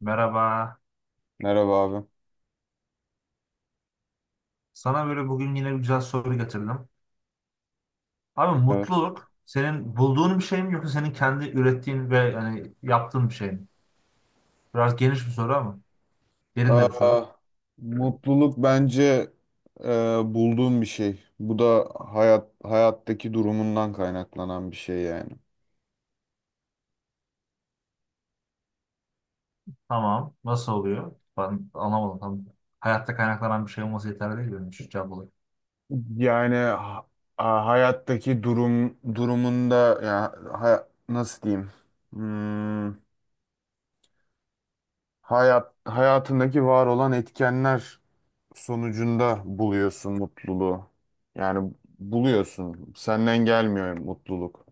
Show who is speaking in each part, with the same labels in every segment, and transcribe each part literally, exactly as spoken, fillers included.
Speaker 1: Merhaba.
Speaker 2: Merhaba abi.
Speaker 1: Sana böyle bugün yine bir güzel soru getirdim. Abi
Speaker 2: Evet.
Speaker 1: mutluluk senin bulduğun bir şey mi yoksa senin kendi ürettiğin ve hani yaptığın bir şey mi? Biraz geniş bir soru ama derin de bir soru.
Speaker 2: Aa, Mutluluk bence e, bulduğum bir şey. Bu da hayat hayattaki durumundan kaynaklanan bir şey yani.
Speaker 1: Tamam. Nasıl oluyor? Ben anlamadım. Tam hayatta kaynaklanan bir şey olması yeterli değil benim için cevap olarak.
Speaker 2: Yani ha- a- hayattaki durum durumunda ya hay- nasıl diyeyim? Hmm, hayat hayatındaki var olan etkenler sonucunda buluyorsun mutluluğu. Yani buluyorsun. Senden gelmiyor mutluluk.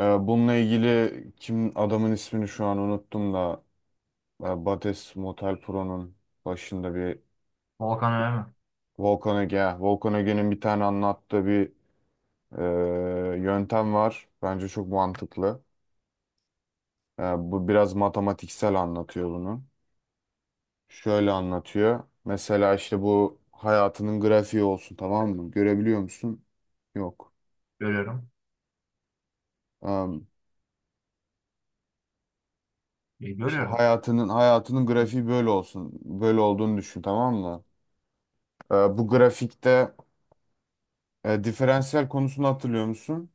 Speaker 2: Ee, bununla ilgili kim adamın ismini şu an unuttum da e, Bates Motel Pro'nun başında bir
Speaker 1: Volkan öyle mi?
Speaker 2: Volkan Ege, ha, Volkan Ege'nin bir tane anlattığı bir e, yöntem var. Bence çok mantıklı. E, Bu biraz matematiksel anlatıyor bunu. Şöyle anlatıyor. Mesela işte bu hayatının grafiği olsun, tamam mı? Görebiliyor musun? Yok.
Speaker 1: Görüyorum.
Speaker 2: Am,
Speaker 1: E,
Speaker 2: işte
Speaker 1: görüyorum.
Speaker 2: hayatının hayatının grafiği böyle olsun. Böyle olduğunu düşün, tamam mı? E, bu grafikte E, diferansiyel konusunu hatırlıyor musun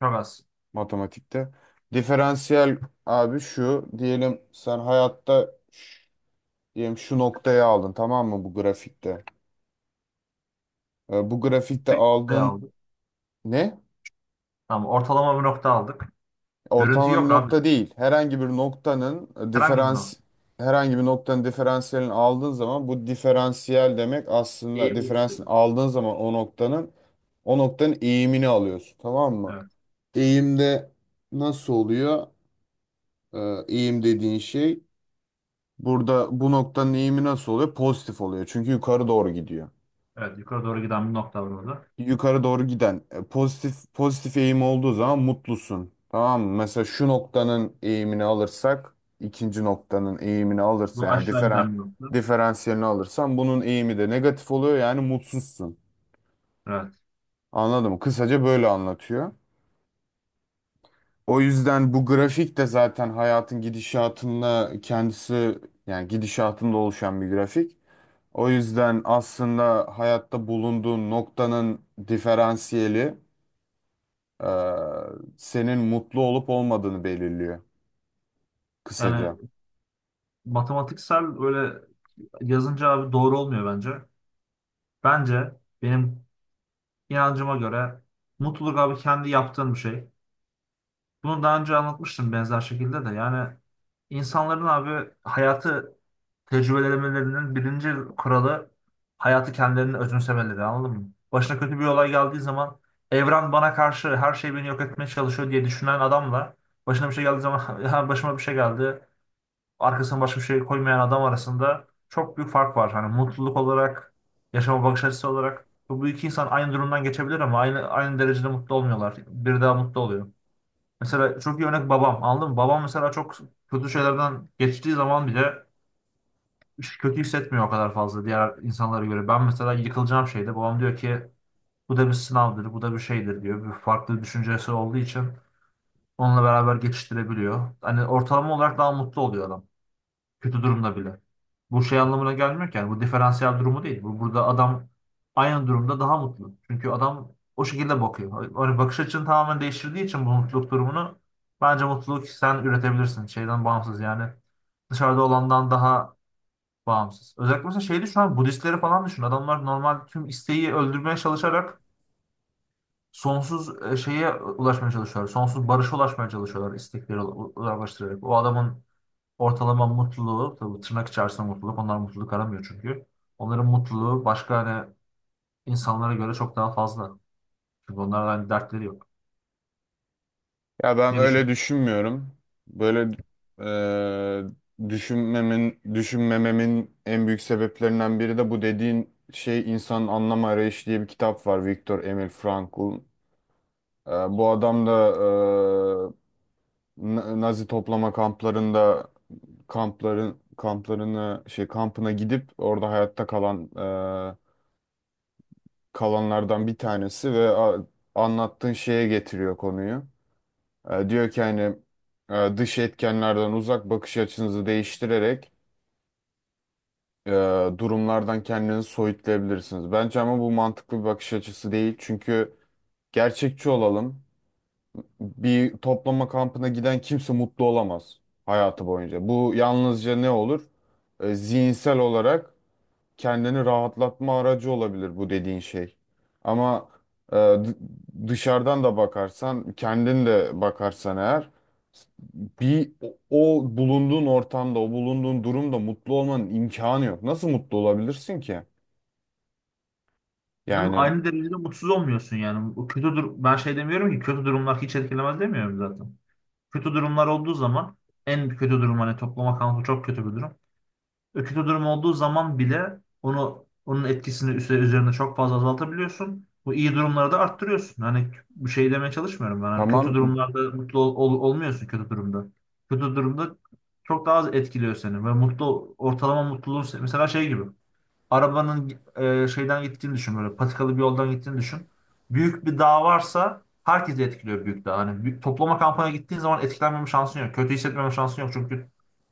Speaker 1: Çok az.
Speaker 2: matematikte? Diferansiyel abi şu diyelim, sen hayatta ş- diyelim şu noktaya aldın, tamam mı bu grafikte? E, bu grafikte
Speaker 1: Bir noktayı
Speaker 2: aldığın
Speaker 1: aldık.
Speaker 2: ne?
Speaker 1: Tamam. Ortalama bir nokta aldık. Görüntü
Speaker 2: Ortalama bir
Speaker 1: yok abi.
Speaker 2: nokta değil. Herhangi bir noktanın e,
Speaker 1: Herhangi bir
Speaker 2: diferans
Speaker 1: nokta.
Speaker 2: herhangi bir noktanın diferansiyelini aldığın zaman bu diferansiyel demek aslında
Speaker 1: Eğimi gösteriyor.
Speaker 2: diferansiyelini aldığın zaman o noktanın o noktanın eğimini alıyorsun, tamam mı?
Speaker 1: Evet.
Speaker 2: Eğimde nasıl oluyor? e, Eğim dediğin şey, burada bu noktanın eğimi nasıl oluyor? Pozitif oluyor. Çünkü yukarı doğru gidiyor.
Speaker 1: Evet. Yukarı doğru giden bir nokta var orada.
Speaker 2: Yukarı doğru giden e, pozitif pozitif eğim olduğu zaman mutlusun. Tamam mı? Mesela şu noktanın eğimini alırsak ikinci noktanın eğimini alırsa
Speaker 1: Bu
Speaker 2: yani
Speaker 1: aşağı
Speaker 2: diferan,
Speaker 1: giden bir nokta.
Speaker 2: diferansiyelini alırsan bunun eğimi de negatif oluyor, yani mutsuzsun.
Speaker 1: Evet.
Speaker 2: Anladın mı? Kısaca böyle anlatıyor. O yüzden bu grafik de zaten hayatın gidişatında kendisi, yani gidişatında oluşan bir grafik. O yüzden aslında hayatta bulunduğun noktanın diferansiyeli e, senin mutlu olup olmadığını belirliyor
Speaker 1: Yani
Speaker 2: kısaca.
Speaker 1: matematiksel öyle yazınca abi doğru olmuyor bence. Bence benim inancıma göre mutluluk abi kendi yaptığın bir şey. Bunu daha önce anlatmıştım benzer şekilde de. Yani insanların abi hayatı tecrübelemelerinin birinci kuralı hayatı kendilerini özümsemeleri anladın mı? Başına kötü bir olay geldiği zaman evren bana karşı her şey beni yok etmeye çalışıyor diye düşünen adamla başına bir şey geldiği zaman "Ya başıma bir şey geldi, arkasına başka bir şey koymayan adam arasında çok büyük fark var. Hani mutluluk olarak, yaşama bakış açısı olarak. Bu, bu iki insan aynı durumdan geçebilir ama aynı aynı derecede mutlu olmuyorlar. Biri daha mutlu oluyor. Mesela çok iyi örnek babam. Anladın mı? Babam mesela çok kötü şeylerden geçtiği zaman bile hiç kötü hissetmiyor o kadar fazla diğer insanlara göre. Ben mesela yıkılacağım şeyde babam diyor ki bu da bir sınavdır, bu da bir şeydir diyor. Bir farklı düşüncesi olduğu için onunla beraber geçiştirebiliyor. Hani ortalama olarak daha mutlu oluyor adam. Kötü durumda bile. Bu şey anlamına gelmiyor ki. Yani bu diferansiyel durumu değil. Bu burada adam aynı durumda daha mutlu. Çünkü adam o şekilde bakıyor. Hani bakış açını tamamen değiştirdiği için bu mutluluk durumunu bence mutluluk sen üretebilirsin. Şeyden bağımsız yani. Dışarıda olandan daha bağımsız. Özellikle mesela şeydi şu an Budistleri falan düşün. Adamlar normal tüm isteği öldürmeye çalışarak sonsuz e, şeye ulaşmaya çalışıyorlar. Sonsuz barışa ulaşmaya çalışıyorlar istekleri u- uzaklaştırarak. O adamın ortalama mutluluğu, tabii tırnak içerisinde mutluluk, onlar mutluluk aramıyor çünkü. Onların mutluluğu başka hani insanlara göre çok daha fazla. Çünkü onların hani dertleri yok.
Speaker 2: Ya ben
Speaker 1: Ne
Speaker 2: öyle
Speaker 1: düşün?
Speaker 2: düşünmüyorum. Böyle e, düşünmemin düşünmememin en büyük sebeplerinden biri de bu dediğin şey. İnsanın Anlam Arayışı diye bir kitap var, Viktor Emil Frankl. E, bu adam da e, Na- Nazi toplama kamplarında kampların kamplarını şey kampına gidip orada hayatta kalan e, kalanlardan bir tanesi ve a- anlattığın şeye getiriyor konuyu. E, diyor ki hani e, dış etkenlerden uzak bakış açınızı değiştirerek e, durumlardan kendinizi soyutlayabilirsiniz. Bence ama bu mantıklı bir bakış açısı değil. Çünkü gerçekçi olalım. Bir toplama kampına giden kimse mutlu olamaz hayatı boyunca. Bu yalnızca ne olur? E, zihinsel olarak kendini rahatlatma aracı olabilir bu dediğin şey. Ama e, d- dışarıdan da bakarsan, kendin de bakarsan eğer bir o, o bulunduğun ortamda, o bulunduğun durumda mutlu olmanın imkanı yok. Nasıl mutlu olabilirsin ki?
Speaker 1: Değil mi?
Speaker 2: Yani
Speaker 1: Aynı derecede mutsuz olmuyorsun yani. Bu kötü dur ben şey demiyorum ki kötü durumlar hiç etkilemez demiyorum zaten. Kötü durumlar olduğu zaman en kötü durum hani toplama kampı çok kötü bir durum. Kötü durum olduğu zaman bile onu onun etkisini üse- üzerine çok fazla azaltabiliyorsun. Bu iyi durumları da arttırıyorsun. Hani bu şey demeye çalışmıyorum ben. Hani kötü
Speaker 2: tamam.
Speaker 1: durumlarda mutlu ol- ol- olmuyorsun kötü durumda. Kötü durumda çok daha az etkiliyor seni ve mutlu ortalama mutluluğun se- mesela şey gibi. Arabanın e, şeyden gittiğini düşün böyle patikalı bir yoldan gittiğini düşün. Büyük bir dağ varsa herkesi etkiliyor büyük dağ. Hani bir toplama kampına gittiğin zaman etkilenmeme şansın yok. Kötü hissetmeme şansın yok, çünkü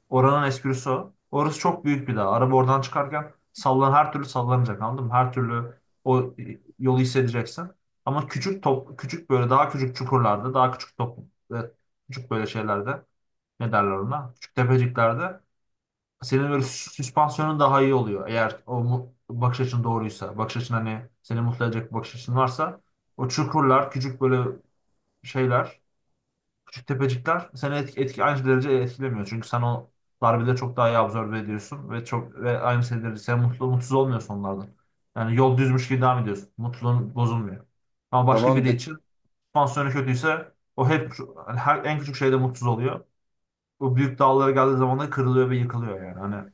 Speaker 1: oranın esprisi o. Orası çok büyük bir dağ. Araba oradan çıkarken sallan her türlü sallanacak anladın mı? Her türlü o e, yolu hissedeceksin. Ama küçük top, küçük böyle daha küçük çukurlarda, daha küçük top, e, küçük böyle şeylerde ne derler ona? Küçük tepeciklerde senin böyle sü- süspansiyonun daha iyi oluyor. Eğer o mu- bakış açın doğruysa, bakış açın hani seni mutlu edecek bir bakış açın varsa o çukurlar, küçük böyle şeyler. Küçük tepecikler seni etki, etki aynı derece etkilemiyor. Çünkü sen o darbeleri çok daha iyi absorbe ediyorsun ve çok ve aynı şeyleri sen mutlu mutsuz olmuyorsun onlardan. Yani yol düzmüş gibi devam ediyorsun. Mutluluğun bozulmuyor. Ama başka
Speaker 2: Tamam.
Speaker 1: biri için pansiyonu kötüyse o hep yani her en küçük şeyde mutsuz oluyor. O büyük dağlara geldiği zaman da kırılıyor ve yıkılıyor yani. Hani,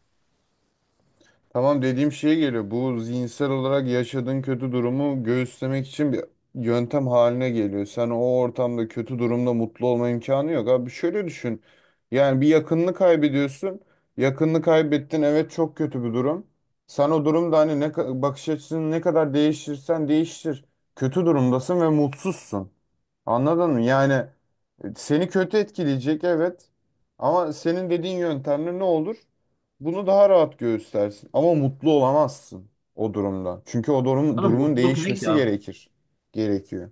Speaker 2: Tamam, dediğim şeye geliyor. Bu zihinsel olarak yaşadığın kötü durumu göğüslemek için bir yöntem haline geliyor. Sen o ortamda kötü durumda mutlu olma imkanı yok. Abi şöyle düşün. Yani bir yakınını kaybediyorsun. Yakınını kaybettin. Evet, çok kötü bir durum. Sen o durumda hani ne ka- bakış açısını ne kadar değiştirsen değiştir. Kötü durumdasın ve mutsuzsun. Anladın mı? Yani e, seni kötü etkileyecek, evet. Ama senin dediğin yöntemle ne olur? Bunu daha rahat göğüslersin. Ama mutlu olamazsın o durumda. Çünkü o durum,
Speaker 1: hani
Speaker 2: durumun
Speaker 1: mutluluk ne ki
Speaker 2: değişmesi
Speaker 1: abi?
Speaker 2: gerekir. Gerekiyor.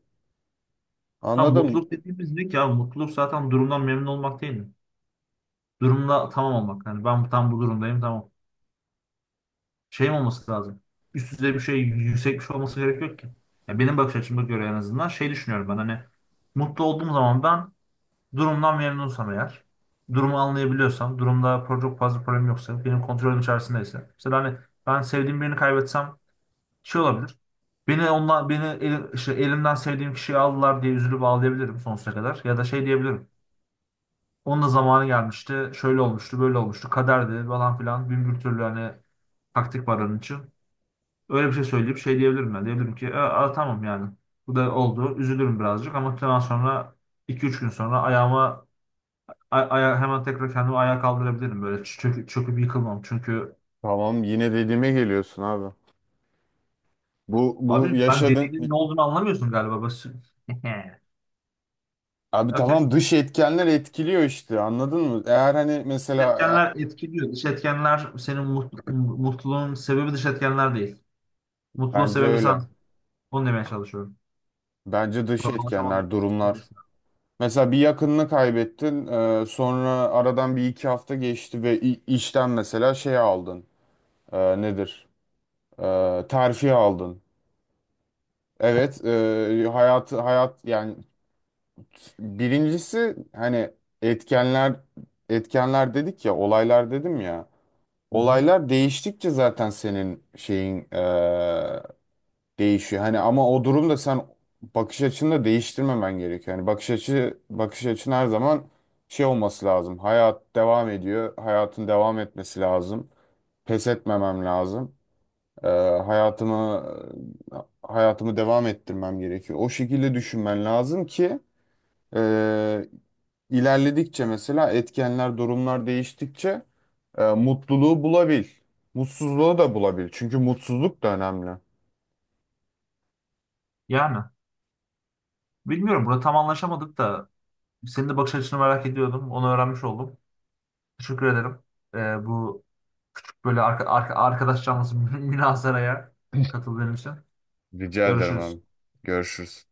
Speaker 1: Ha
Speaker 2: Anladım.
Speaker 1: mutluluk dediğimiz ne ki abi? Mutluluk zaten durumdan memnun olmak değil mi? Durumda tamam olmak. Yani ben tam bu durumdayım tamam. Şey mi olması lazım? Üst düzey bir şey, yüksek bir şey olması gerek yok ki. Ya benim bakış açıma göre en azından şey düşünüyorum ben hani mutlu olduğum zaman ben durumdan memnunsam eğer, durumu anlayabiliyorsam, durumda pro- çok fazla problem yoksa, benim kontrolüm içerisindeyse. Mesela hani ben sevdiğim birini kaybetsem şey olabilir. Beni ondan beni el- işte elimden sevdiğim kişiyi aldılar diye üzülüp ağlayabilirim sonsuza kadar. Ya da şey diyebilirim. Onun da zamanı gelmişti. Şöyle olmuştu, böyle olmuştu. Kaderdi falan filan. Bin bir türlü hani taktik var onun için. Öyle bir şey söyleyip şey diyebilirim ben. Diyebilirim ki "E, a, tamam yani. Bu da oldu. Üzülürüm birazcık ama ondan sonra iki üç gün sonra ayağıma ay- aya- hemen tekrar kendimi ayağa kaldırabilirim. Böyle çö- çöküp, çöküp yıkılmam. Çünkü
Speaker 2: Tamam, yine dediğime geliyorsun abi. Bu, bu
Speaker 1: abi sen
Speaker 2: yaşadın.
Speaker 1: dediğinin ne olduğunu anlamıyorsun galiba. Basın.
Speaker 2: Abi
Speaker 1: Okey.
Speaker 2: tamam, dış etkenler etkiliyor işte, anladın mı? Eğer hani
Speaker 1: Dış
Speaker 2: mesela
Speaker 1: etkenler etkiliyor. Dış etkenler senin mut- mutluluğun sebebi dış etkenler değil.
Speaker 2: e,
Speaker 1: Mutluluğun
Speaker 2: bence
Speaker 1: sebebi sen.
Speaker 2: öyle.
Speaker 1: Onu demeye çalışıyorum.
Speaker 2: Bence dış
Speaker 1: Bunu anlaşamadık.
Speaker 2: etkenler, durumlar. Mesela bir yakınını kaybettin, e, sonra aradan bir iki hafta geçti ve i- işten mesela şey aldın, e, nedir? E, terfi aldın. Evet, e, hayat hayat yani birincisi hani etkenler etkenler dedik ya, olaylar dedim ya.
Speaker 1: Hı hı.
Speaker 2: Olaylar değiştikçe zaten senin şeyin e, değişiyor. Hani ama o durumda sen bakış açını da değiştirmemen gerekiyor. Hani bakış açı bakış açın her zaman şey olması lazım. Hayat devam ediyor. Hayatın devam etmesi lazım. Pes etmemem lazım. Ee, hayatımı hayatımı devam ettirmem gerekiyor. O şekilde düşünmen lazım ki e, ilerledikçe mesela etkenler, durumlar değiştikçe e, mutluluğu bulabil. Mutsuzluğu da bulabil. Çünkü mutsuzluk da önemli.
Speaker 1: Yani bilmiyorum. Burada tam anlaşamadık da, senin de bakış açını merak ediyordum. Onu öğrenmiş oldum. Teşekkür ederim. Ee, bu böyle arka, arka- arkadaş canlısı münazaraya katıldığın için.
Speaker 2: Rica ederim abi.
Speaker 1: Görüşürüz.
Speaker 2: Görüşürüz.